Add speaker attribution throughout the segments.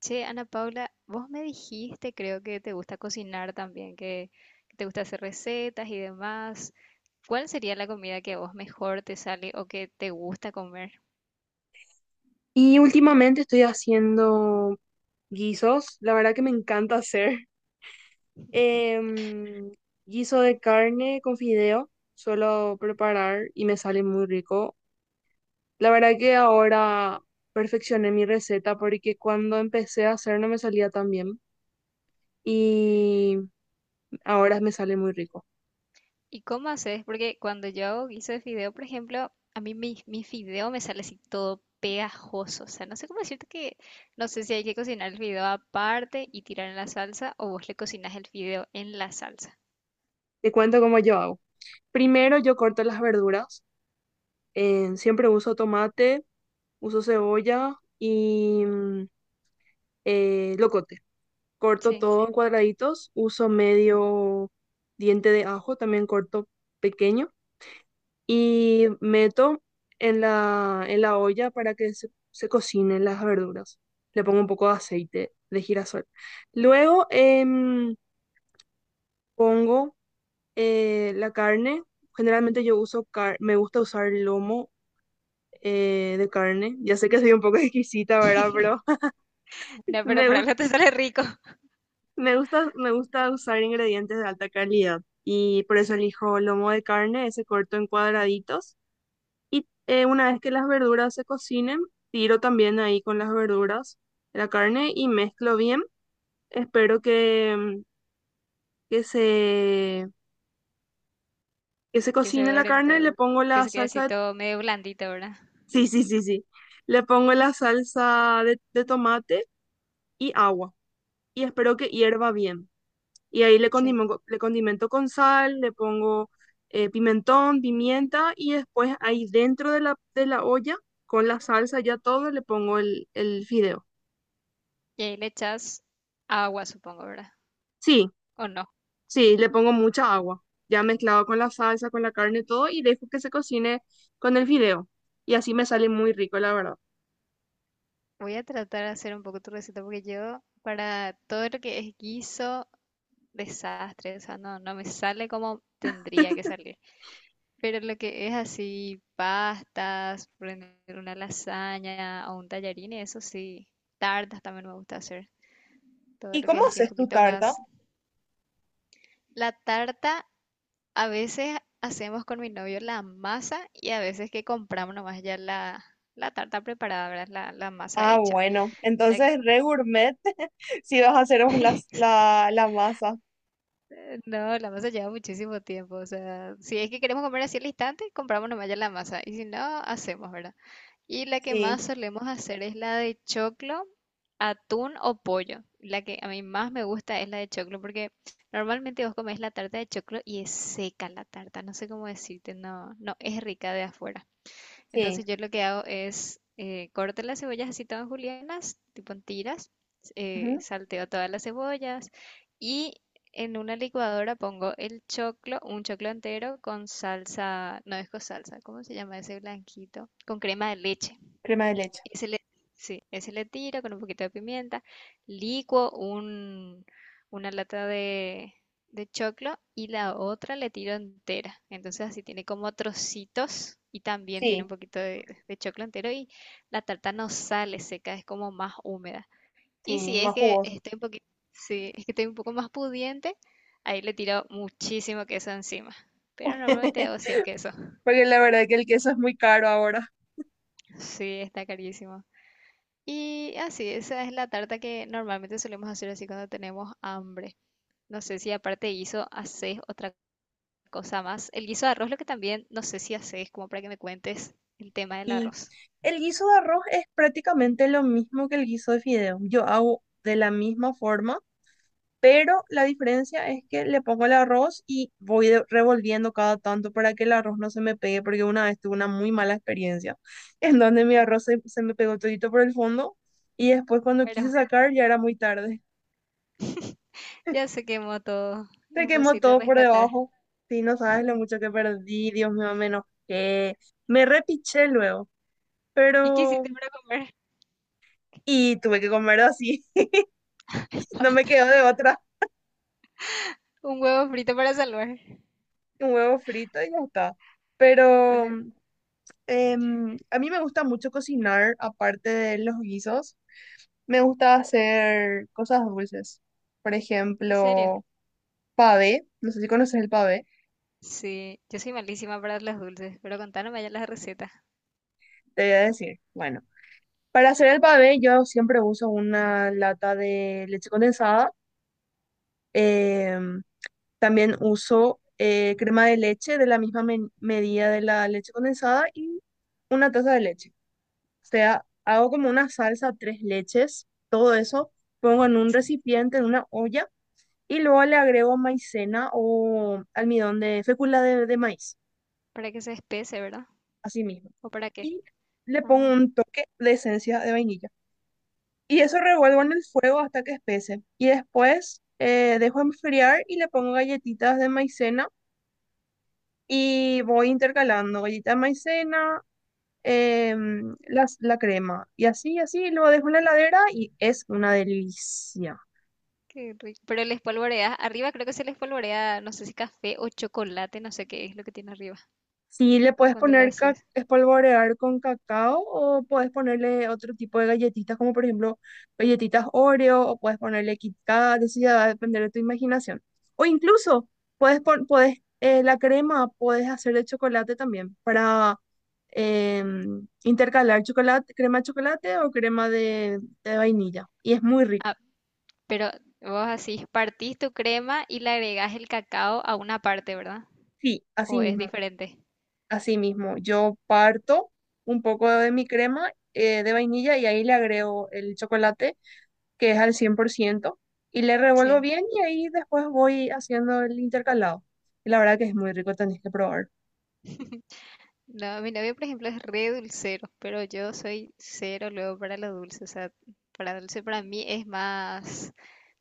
Speaker 1: Che, Ana Paula, vos me dijiste, creo que te gusta cocinar también, que te gusta hacer recetas y demás. ¿Cuál sería la comida que a vos mejor te sale o que te gusta comer?
Speaker 2: Y últimamente estoy haciendo guisos, la verdad que me encanta hacer. Em, guiso de carne con fideo, suelo preparar y me sale muy rico. La verdad que ahora perfeccioné mi receta porque cuando empecé a hacer no me salía tan bien y ahora me sale muy rico.
Speaker 1: ¿Y cómo haces? Porque cuando yo hago guiso de fideo, por ejemplo, a mí mi fideo me sale así todo pegajoso. O sea, no sé cómo decirte que, no sé si hay que cocinar el fideo aparte y tirar en la salsa o vos le cocinas el fideo en la salsa.
Speaker 2: Te cuento cómo yo hago. Primero yo corto las verduras, siempre uso tomate, uso cebolla y locote. Corto
Speaker 1: Sí.
Speaker 2: todo en cuadraditos, uso medio diente de ajo, también corto pequeño, y meto en la olla para que se cocinen las verduras. Le pongo un poco de aceite de girasol. Luego pongo la carne. Generalmente yo uso, me gusta usar lomo de carne. Ya sé que soy un poco exquisita, ¿verdad? Pero
Speaker 1: No, pero
Speaker 2: me
Speaker 1: para algo
Speaker 2: gusta.
Speaker 1: te sale rico.
Speaker 2: Me gusta, me gusta usar ingredientes de alta calidad y por eso
Speaker 1: Sí,
Speaker 2: elijo lomo de carne, ese corto en cuadraditos. Y una vez que las verduras se cocinen, tiro también ahí con las verduras la carne y mezclo bien. Espero que se, que se
Speaker 1: que se
Speaker 2: cocine la
Speaker 1: dorento,
Speaker 2: carne, le pongo
Speaker 1: que
Speaker 2: la
Speaker 1: se quede así
Speaker 2: salsa de.
Speaker 1: todo medio blandito, ¿verdad?
Speaker 2: Sí, sí, sí, sí. Le pongo la salsa de tomate y agua y espero que hierva bien. Y ahí
Speaker 1: Sí.
Speaker 2: le condimento con sal, le pongo pimentón, pimienta y después ahí dentro de la olla, con la salsa ya todo, le pongo el fideo.
Speaker 1: Y ahí le echas agua, supongo, ¿verdad?
Speaker 2: Sí,
Speaker 1: ¿O no?
Speaker 2: sí, le pongo mucha agua, ya mezclado con la salsa, con la carne, todo y dejo que se cocine con el fideo. Y así me sale muy rico, la verdad.
Speaker 1: Voy a tratar de hacer un poco tu receta porque yo para todo lo que es guiso, desastre, o sea, no me sale como tendría que salir. Pero lo que es así, pastas, poner una lasaña o un tallarín, y eso sí, tartas también me gusta hacer. Todo
Speaker 2: ¿Y
Speaker 1: lo que
Speaker 2: cómo
Speaker 1: es así un
Speaker 2: haces tu
Speaker 1: poquito
Speaker 2: tarta?
Speaker 1: más... La tarta a veces hacemos con mi novio la masa y a veces que compramos nomás ya la tarta preparada, ¿verdad? La masa
Speaker 2: Ah,
Speaker 1: hecha.
Speaker 2: bueno,
Speaker 1: La-
Speaker 2: entonces re gourmet si vas a hacer vos las- la, la masa.
Speaker 1: No, la masa lleva muchísimo tiempo. O sea, si es que queremos comer así al instante, compramos nomás ya la masa. Y si no, hacemos, ¿verdad? Y la que
Speaker 2: Sí,
Speaker 1: más solemos hacer es la de choclo, atún o pollo. La que a mí más me gusta es la de choclo porque normalmente vos comés la tarta de choclo y es seca la tarta. No sé cómo decirte, no es rica de afuera.
Speaker 2: sí.
Speaker 1: Entonces yo lo que hago es corto las cebollas así todas julianas, tipo en tiras,
Speaker 2: Ujú,
Speaker 1: salteo todas las cebollas y en una licuadora pongo el choclo, un choclo entero con salsa, no es con salsa, ¿cómo se llama ese blanquito? Con crema de leche.
Speaker 2: crema de leche.
Speaker 1: Y se le, sí, ese le tiro con un poquito de pimienta, licuo un, una lata de choclo y la otra le tiro entera. Entonces así tiene como trocitos y también tiene
Speaker 2: Sí.
Speaker 1: un poquito de choclo entero y la tarta no sale seca, es como más húmeda. Y
Speaker 2: Sí,
Speaker 1: si es
Speaker 2: más
Speaker 1: que
Speaker 2: jugoso.
Speaker 1: estoy un poquito, sí, es que estoy un poco más pudiente, ahí le tiro muchísimo queso encima. Pero normalmente hago sin queso.
Speaker 2: Porque la verdad que el queso es muy caro ahora.
Speaker 1: Sí, está carísimo. Y así, esa es la tarta que normalmente solemos hacer así cuando tenemos hambre. No sé si aparte de guiso haces otra cosa más. El guiso de arroz, lo que también no sé si haces, como para que me cuentes el tema del
Speaker 2: Y
Speaker 1: arroz.
Speaker 2: el guiso de arroz es prácticamente lo mismo que el guiso de fideo. Yo hago de la misma forma, pero la diferencia es que le pongo el arroz y voy revolviendo cada tanto para que el arroz no se me pegue, porque una vez tuve una muy mala experiencia en donde mi arroz se me pegó todito por el fondo y después cuando quise
Speaker 1: Bueno,
Speaker 2: sacar ya era muy tarde.
Speaker 1: ya se quemó todo.
Speaker 2: Se quemó
Speaker 1: Imposible
Speaker 2: todo por
Speaker 1: rescatar.
Speaker 2: debajo. Sí, no sabes lo mucho que perdí, Dios mío, me enojé. Me repiché luego,
Speaker 1: ¿Y qué
Speaker 2: pero.
Speaker 1: hiciste para comer?
Speaker 2: Y tuve que comer así,
Speaker 1: Ay,
Speaker 2: no me
Speaker 1: basta.
Speaker 2: quedó de otra.
Speaker 1: Un huevo frito para salvar.
Speaker 2: Un huevo frito y ya está.
Speaker 1: Con
Speaker 2: Pero
Speaker 1: el-
Speaker 2: a mí me gusta mucho cocinar, aparte de los guisos. Me gusta hacer cosas dulces. Por
Speaker 1: ¿En serio?
Speaker 2: ejemplo, pavé. No sé si conoces el pavé.
Speaker 1: Sí, yo soy malísima para los dulces, pero contanos ya la receta.
Speaker 2: Te voy a decir. Bueno, para hacer el pavé yo siempre uso una lata de leche condensada. Em, también uso crema de leche de la misma medida de la leche condensada y una taza de leche. O sea, hago como una salsa, tres leches, todo eso, pongo en un recipiente, en una olla, y luego le agrego maicena o almidón de fécula de maíz,
Speaker 1: ¿Para que se espese, verdad?
Speaker 2: así mismo.
Speaker 1: ¿O para qué?
Speaker 2: Y le
Speaker 1: Ah,
Speaker 2: pongo un toque de esencia de vainilla. Y eso
Speaker 1: ya.
Speaker 2: revuelvo en el fuego hasta que espese. Y después dejo enfriar y le pongo galletitas de maicena y voy intercalando galleta de maicena, la crema y así, así, lo dejo en la heladera y es una delicia.
Speaker 1: Qué rico. Pero les polvoreas, arriba creo que se les polvorea, no sé si café o chocolate, no sé qué es lo que tiene arriba
Speaker 2: Sí, le puedes
Speaker 1: cuando le
Speaker 2: poner
Speaker 1: haces.
Speaker 2: espolvorear con cacao o puedes ponerle otro tipo de galletitas, como por ejemplo galletitas Oreo o puedes ponerle Kit Kat, eso ya va a depender de tu imaginación. O incluso puedes la crema puedes hacer de chocolate también para intercalar chocolate, crema de chocolate o crema de vainilla y es muy rico.
Speaker 1: Ah, pero vos así, partís tu crema y le agregás el cacao a una parte, ¿verdad?
Speaker 2: Sí, así
Speaker 1: ¿O es
Speaker 2: mismo.
Speaker 1: diferente?
Speaker 2: Así mismo, yo parto un poco de mi crema de vainilla y ahí le agrego el chocolate, que es al 100% y le revuelvo
Speaker 1: Sí.
Speaker 2: bien y ahí después voy haciendo el intercalado. Y la verdad que es muy rico, tenés que probar.
Speaker 1: No, mi novio, por ejemplo, es re dulcero, pero yo soy cero luego para lo dulce. O sea, para dulce para mí es más,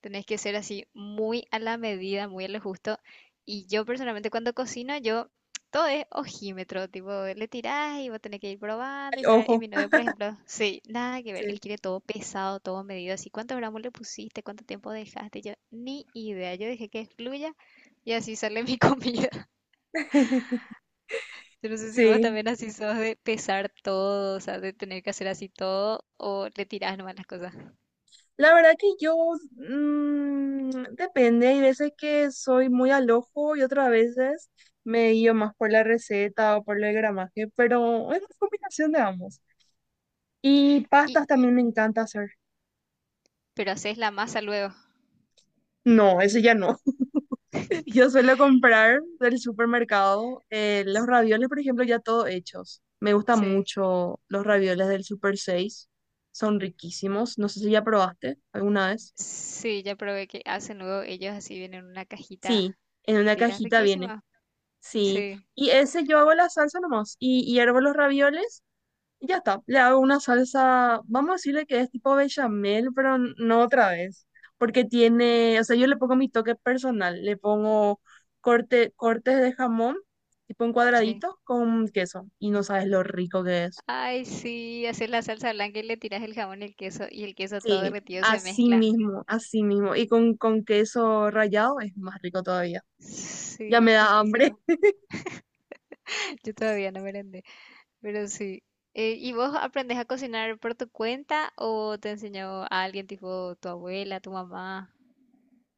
Speaker 1: tenés que ser así muy a la medida, muy a lo justo. Y yo personalmente cuando cocino, yo todo es ojímetro, tipo, le tirás y vos tenés que ir probando y
Speaker 2: Ay,
Speaker 1: saber. Y
Speaker 2: ojo,
Speaker 1: mi novio, por ejemplo, sí, nada que ver,
Speaker 2: sí.
Speaker 1: él quiere todo pesado, todo medido, así, cuántos gramos le pusiste, cuánto tiempo dejaste. Yo ni idea, yo dejé que fluya y así sale mi comida. Yo no sé si vos
Speaker 2: Sí,
Speaker 1: también así sos de pesar todo, o sea, de tener que hacer así todo, o le tirás nomás las cosas.
Speaker 2: la verdad que yo depende, hay veces que soy muy al ojo y otras veces me guío más por la receta o por el gramaje, pero es una combinación de ambos. Y
Speaker 1: Y,
Speaker 2: pastas también me encanta hacer.
Speaker 1: pero haces la masa luego.
Speaker 2: No, eso ya no. Yo suelo comprar del supermercado los ravioles, por ejemplo, ya todo hechos. Me gustan
Speaker 1: Sí.
Speaker 2: mucho los ravioles del Super 6. Son riquísimos. No sé si ya probaste alguna vez.
Speaker 1: Sí, ya probé, que hacen luego ellos, así vienen en una cajita
Speaker 2: Sí, en una
Speaker 1: entera
Speaker 2: cajita viene.
Speaker 1: riquísima.
Speaker 2: Sí.
Speaker 1: Sí,
Speaker 2: Y ese yo hago la salsa nomás. Y hiervo los ravioles. Y ya está, le hago una salsa, vamos a decirle que es tipo bechamel, pero no otra vez, porque tiene, o sea, yo le pongo mi toque personal, le pongo cortes de jamón, tipo en
Speaker 1: sí.
Speaker 2: cuadraditos, con queso, y no sabes lo rico que es.
Speaker 1: Ay, sí, haces la salsa blanca y le tiras el jamón y el queso todo
Speaker 2: Sí,
Speaker 1: derretido se mezcla.
Speaker 2: así mismo, y con, queso rallado es más rico todavía. Ya
Speaker 1: Sí,
Speaker 2: me da hambre.
Speaker 1: riquísimo. Yo todavía no merendé. Pero sí. ¿Y vos aprendes a cocinar por tu cuenta o te enseñó a alguien tipo tu abuela, tu mamá?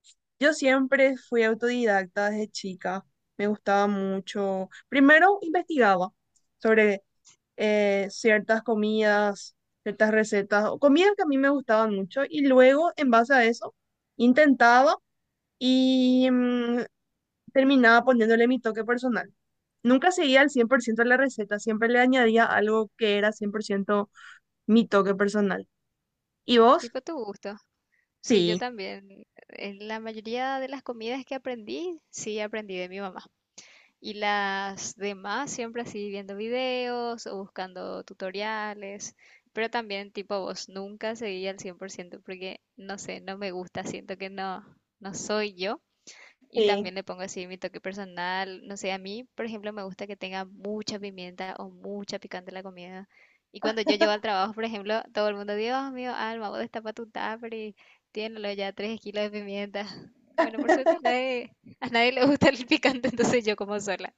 Speaker 2: Yo siempre fui autodidacta desde chica, me gustaba mucho. Primero investigaba sobre ciertas comidas, ciertas recetas, o comidas que a mí me gustaban mucho y luego en base a eso intentaba y terminaba poniéndole mi toque personal. Nunca seguía al 100% la receta, siempre le añadía algo que era 100% mi toque personal. ¿Y vos?
Speaker 1: Tipo tu gusto. Sí, yo
Speaker 2: Sí.
Speaker 1: también. En la mayoría de las comidas que aprendí, sí aprendí de mi mamá. Y las demás siempre así viendo videos o buscando tutoriales. Pero también tipo vos, nunca seguí al 100% porque no sé, no me gusta, siento que no, no soy yo. Y
Speaker 2: Sí,
Speaker 1: también le pongo así mi toque personal. No sé, a mí, por ejemplo, me gusta que tenga mucha pimienta o mucha picante la comida. Y cuando yo llego al trabajo, por ejemplo, todo el mundo, Dios mío, Alma, vos destapa tu tupper y tiénelo ya 3 kilos de pimienta. Bueno, por suerte a nadie le gusta el picante, entonces yo como sola.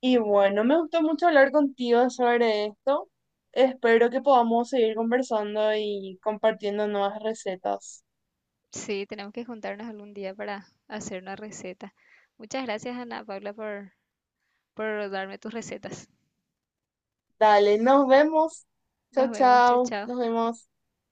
Speaker 2: y bueno, me gustó mucho hablar contigo sobre esto. Espero que podamos seguir conversando y compartiendo nuevas recetas.
Speaker 1: Sí, tenemos que juntarnos algún día para hacer una receta. Muchas gracias, Ana Paula, por darme tus recetas.
Speaker 2: Dale, nos vemos. Chao,
Speaker 1: Nos vemos, chao,
Speaker 2: chao. Nos
Speaker 1: chao.
Speaker 2: vemos.